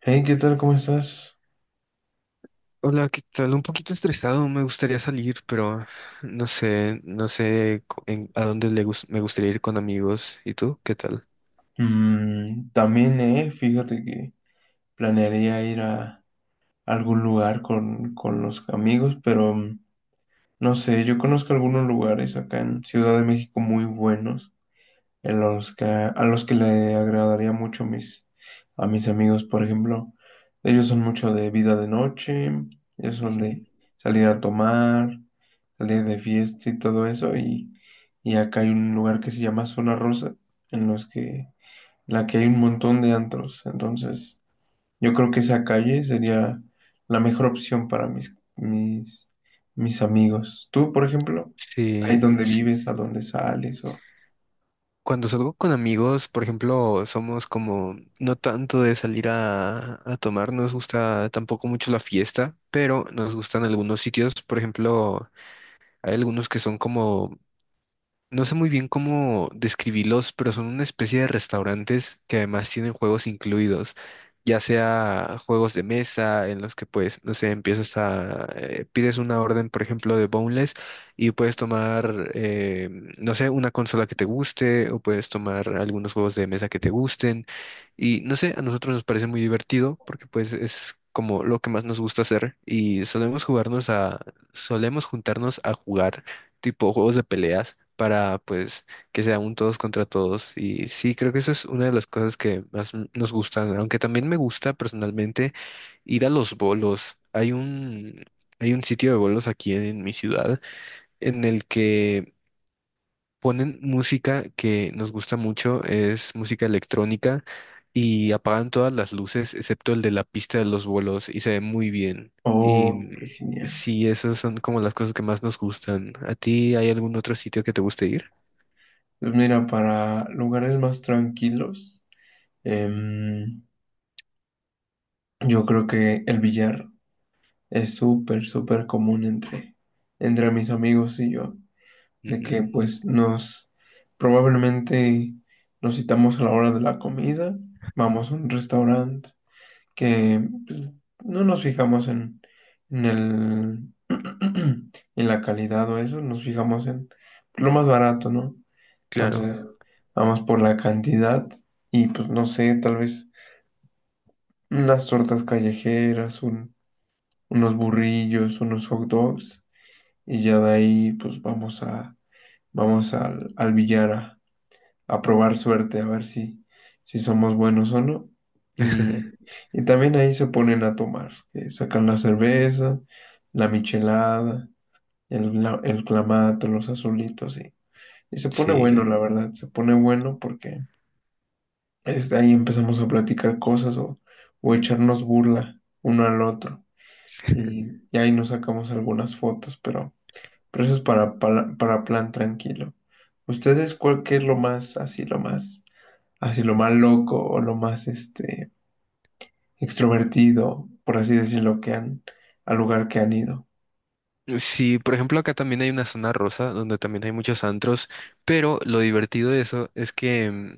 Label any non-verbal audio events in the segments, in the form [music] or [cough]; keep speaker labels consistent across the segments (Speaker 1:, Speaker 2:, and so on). Speaker 1: Hey, ¿qué tal? ¿Cómo estás?
Speaker 2: Hola, ¿qué tal? Un poquito estresado, me gustaría salir, pero no sé, a dónde me gustaría ir con amigos. ¿Y tú? ¿Qué tal?
Speaker 1: También, fíjate que planearía ir a algún lugar con los amigos, pero no sé, yo conozco algunos lugares acá en Ciudad de México muy buenos, en los que le agradaría mucho a mis amigos, por ejemplo. Ellos son mucho de vida de noche, ellos son
Speaker 2: Ujú.
Speaker 1: de salir a tomar, salir de fiesta y todo eso, y acá hay un lugar que se llama Zona Rosa, en los que la que hay un montón de antros. Entonces, yo creo que esa calle sería la mejor opción para mis amigos. Tú, por ejemplo, ahí
Speaker 2: Sí,
Speaker 1: donde
Speaker 2: sí,
Speaker 1: vives, a donde sales, o...
Speaker 2: cuando salgo con amigos, por ejemplo, somos como no tanto de salir a tomar, no nos gusta tampoco mucho la fiesta, pero nos gustan algunos sitios, por ejemplo, hay algunos que son como, no sé muy bien cómo describirlos, pero son una especie de restaurantes que además tienen juegos incluidos, ya sea juegos de mesa en los que pues, no sé, pides una orden, por ejemplo, de boneless y puedes tomar, no sé, una consola que te guste, o puedes tomar algunos juegos de mesa que te gusten. Y no sé, a nosotros nos parece muy divertido, porque pues es como lo que más nos gusta hacer, y solemos juntarnos a jugar tipo juegos de peleas para pues que sea un todos contra todos. Y sí, creo que eso es una de las cosas que nos gustan, aunque también me gusta personalmente ir a los bolos. Hay un, hay un sitio de bolos aquí en mi ciudad en el que ponen música que nos gusta mucho, es música electrónica, y apagan todas las luces excepto el de la pista de los vuelos y se ve muy bien. Y
Speaker 1: Oh, qué genial.
Speaker 2: sí, esas son como las cosas que más nos gustan. ¿A ti hay algún otro sitio que te guste ir?
Speaker 1: Pues mira, para lugares más tranquilos, em, yo creo que el billar es súper común entre mis amigos y yo. De
Speaker 2: Ujú.
Speaker 1: que pues nos probablemente nos citamos a la hora de la comida, vamos a un restaurante que pues, no nos fijamos en el [clears throat] en la calidad o eso, nos fijamos en lo más barato, ¿no?
Speaker 2: Claro.
Speaker 1: Entonces, vamos por la cantidad y pues no sé, tal vez unas tortas callejeras, unos burrillos, unos hot dogs y ya de ahí pues vamos a vamos al, al billar a probar suerte, a ver si somos buenos o no. Y,
Speaker 2: [laughs]
Speaker 1: y también ahí se ponen a tomar, que sacan la cerveza, la michelada, el clamato, los azulitos, y se pone
Speaker 2: Sí.
Speaker 1: bueno, la verdad, se pone bueno porque ahí empezamos a platicar cosas o echarnos burla uno al otro. Y ahí nos sacamos algunas fotos, pero eso es para plan tranquilo. ¿Ustedes cuál qué es lo más, así, lo más? Así lo más loco o lo más extrovertido, por así decirlo, que han al lugar que han ido.
Speaker 2: Sí, por ejemplo, acá también hay una zona rosa donde también hay muchos antros, pero lo divertido de eso es que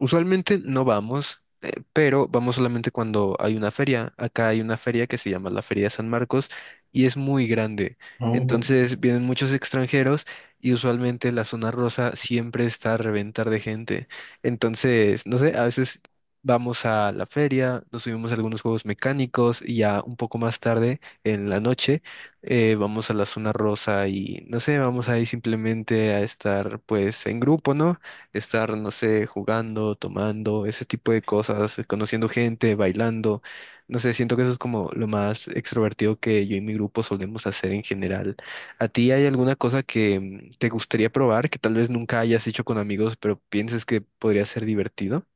Speaker 2: usualmente no vamos, pero vamos solamente cuando hay una feria. Acá hay una feria que se llama la Feria de San Marcos y es muy grande.
Speaker 1: Oh.
Speaker 2: Entonces vienen muchos extranjeros y usualmente la zona rosa siempre está a reventar de gente. Entonces, no sé, a veces vamos a la feria, nos subimos a algunos juegos mecánicos, y ya un poco más tarde en la noche vamos a la zona rosa y no sé, vamos ahí simplemente a estar pues en grupo, ¿no? Estar, no sé, jugando, tomando, ese tipo de cosas, conociendo gente, bailando. No sé, siento que eso es como lo más extrovertido que yo y mi grupo solemos hacer en general. ¿A ti hay alguna cosa que te gustaría probar, que tal vez nunca hayas hecho con amigos, pero pienses que podría ser divertido?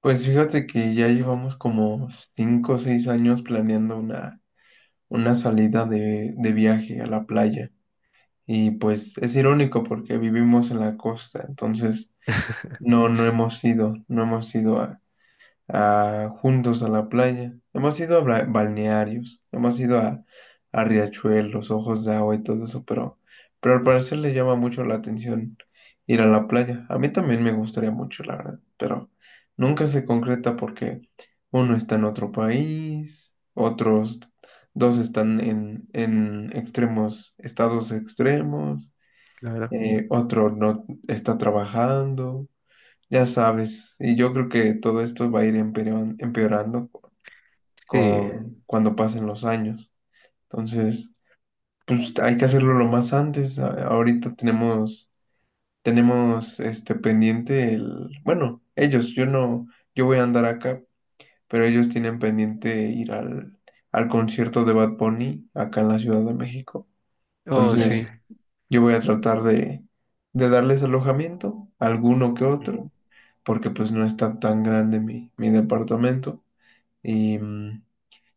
Speaker 1: Pues fíjate que ya llevamos como 5 o 6 años planeando una salida de viaje a la playa. Y pues es irónico porque vivimos en la costa, entonces
Speaker 2: [laughs]
Speaker 1: no hemos ido, no hemos ido juntos a la playa. Hemos ido a balnearios, hemos ido a riachuelos, ojos de agua y todo eso, pero al parecer le llama mucho la atención ir a la playa. A mí también me gustaría mucho, la verdad, pero nunca se concreta porque uno está en otro país, otros dos están en extremos, estados extremos,
Speaker 2: Claro.
Speaker 1: otro no está trabajando. Ya sabes, y yo creo que todo esto va a ir empeorando
Speaker 2: Sí.
Speaker 1: con cuando pasen los años. Entonces, pues hay que hacerlo lo más antes. Ahorita tenemos este pendiente el, bueno, ellos, yo no, yo voy a andar acá, pero ellos tienen pendiente ir al concierto de Bad Bunny acá en la Ciudad de México.
Speaker 2: Oh, sí.
Speaker 1: Entonces, yo voy a tratar de darles alojamiento, alguno que otro
Speaker 2: Ujú.
Speaker 1: porque pues no está tan grande mi departamento. Y,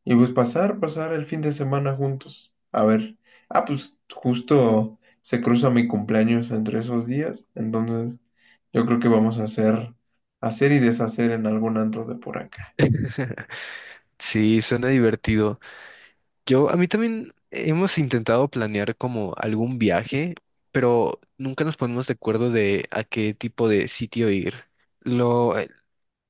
Speaker 1: y pues pasar el fin de semana juntos. A ver, ah, pues justo se cruza mi cumpleaños entre esos días, entonces yo creo que vamos a hacer y deshacer en algún antro de por acá.
Speaker 2: [laughs] Sí, suena divertido. Yo, a mí también hemos intentado planear como algún viaje, pero nunca nos ponemos de acuerdo de a qué tipo de sitio ir. Lo,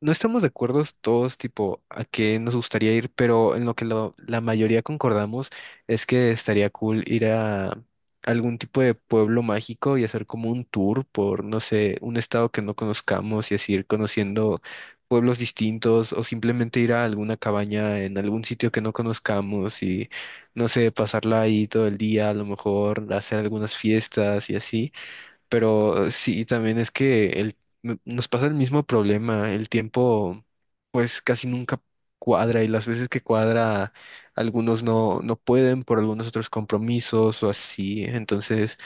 Speaker 2: no estamos de acuerdo todos, tipo, a qué nos gustaría ir, pero en lo que la mayoría concordamos es que estaría cool ir a algún tipo de pueblo mágico y hacer como un tour por, no sé, un estado que no conozcamos, y así ir conociendo pueblos distintos, o simplemente ir a alguna cabaña en algún sitio que no conozcamos y, no sé, pasarla ahí todo el día, a lo mejor hacer algunas fiestas y así. Pero sí, también es que nos pasa el mismo problema. El tiempo pues casi nunca cuadra, y las veces que cuadra, algunos no pueden por algunos otros compromisos o así. Entonces,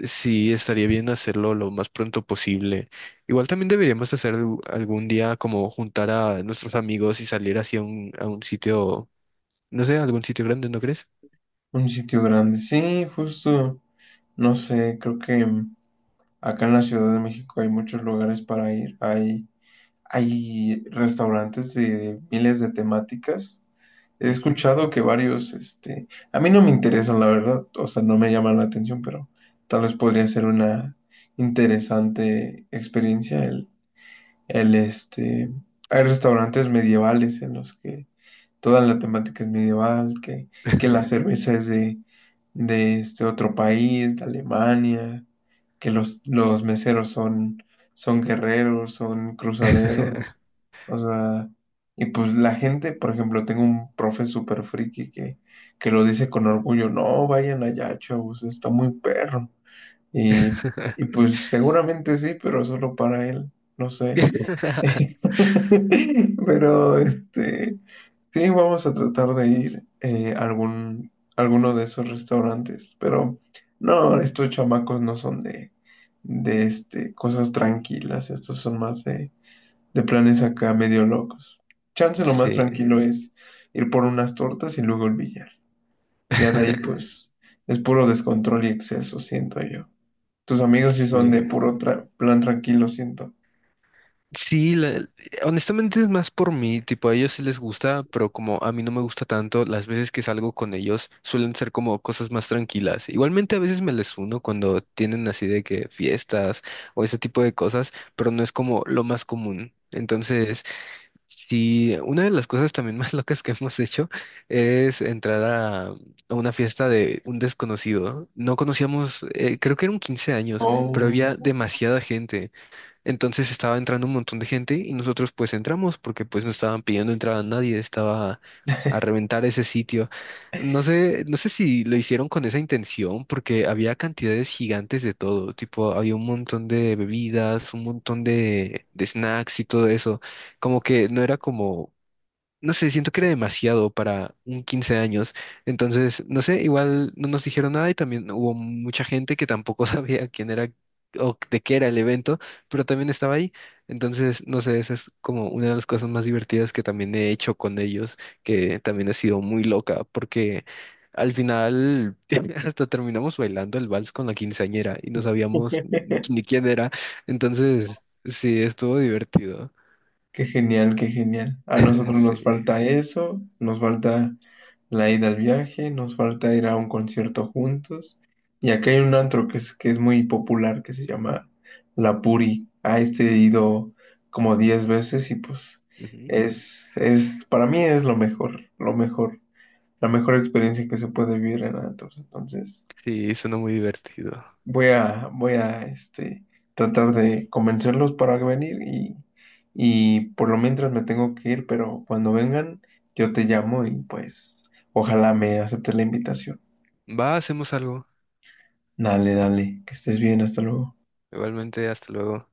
Speaker 2: sí, estaría bien hacerlo lo más pronto posible. Igual también deberíamos hacer algún día como juntar a nuestros amigos y salir a un sitio, no sé, algún sitio grande, ¿no crees?
Speaker 1: Un sitio grande, sí, justo, no sé, creo que acá en la Ciudad de México hay muchos lugares para ir, hay restaurantes de miles de temáticas. He
Speaker 2: Ujú.
Speaker 1: escuchado que varios, este, a mí no me interesan, la verdad, o sea, no me llaman la atención, pero tal vez podría ser una interesante experiencia el, este, hay restaurantes medievales en los que toda la temática es medieval, que la cerveza es de este otro país, de Alemania, que los meseros son guerreros, son cruzaderos,
Speaker 2: [laughs]
Speaker 1: o sea, y pues la gente, por ejemplo, tengo un profe súper friki que lo dice con orgullo, no, vayan allá, chavos, está muy perro, y, y pues seguramente sí, pero solo para él, no sé.
Speaker 2: [laughs]
Speaker 1: [laughs] Pero este, sí, vamos a tratar de ir a algún, alguno de esos restaurantes. Pero no, estos chamacos no son de este, cosas tranquilas. Estos son más de planes acá medio locos. Chance lo más
Speaker 2: Sí.
Speaker 1: tranquilo es ir por unas tortas y luego el billar. Ya de ahí,
Speaker 2: [laughs]
Speaker 1: pues, es puro descontrol y exceso, siento yo. Tus amigos sí son
Speaker 2: Sí,
Speaker 1: de puro plan tranquilo, siento.
Speaker 2: Sí, honestamente es más por mí, tipo a ellos sí les gusta, pero como a mí no me gusta tanto, las veces que salgo con ellos suelen ser como cosas más tranquilas. Igualmente a veces me les uno cuando tienen así de que fiestas o ese tipo de cosas, pero no es como lo más común. Entonces, sí, una de las cosas también [laughs] más locas que hemos hecho es entrar a una fiesta de un desconocido. No conocíamos, creo que eran 15 años, pero había
Speaker 1: Oh.
Speaker 2: demasiada gente. Entonces estaba entrando un montón de gente y nosotros pues entramos porque pues no estaban pidiendo entrada a nadie, estaba a reventar ese sitio. No sé, no sé si lo hicieron con esa intención porque había cantidades gigantes de todo, tipo había un montón de bebidas, un montón de snacks y todo eso, como que no era como, no sé, siento que era demasiado para un 15 años. Entonces, no sé, igual no nos dijeron nada, y también hubo mucha gente que tampoco [laughs] sabía quién era o de qué era el evento, pero también estaba ahí. Entonces, no sé, esa es como una de las cosas más divertidas que también he hecho con ellos, que también ha sido muy loca, porque al final [laughs] hasta terminamos bailando el vals con la quinceañera y no sabíamos
Speaker 1: [laughs]
Speaker 2: ni quién era. Entonces, sí, estuvo divertido.
Speaker 1: Qué genial, qué genial. A nosotros nos
Speaker 2: [laughs]
Speaker 1: falta eso, nos falta la ida al viaje, nos falta ir a un concierto juntos. Y acá hay un antro que que es muy popular, que se llama La Puri. A este he ido como 10 veces y pues
Speaker 2: Sí.
Speaker 1: es, para mí es lo mejor, la mejor experiencia que se puede vivir en antros. Entonces,
Speaker 2: Sí, suena muy divertido.
Speaker 1: Voy a tratar de convencerlos para venir y por lo mientras me tengo que ir, pero cuando vengan yo te llamo y pues ojalá me aceptes la invitación.
Speaker 2: Va, hacemos algo.
Speaker 1: Dale, dale, que estés bien, hasta luego.
Speaker 2: Igualmente, hasta luego.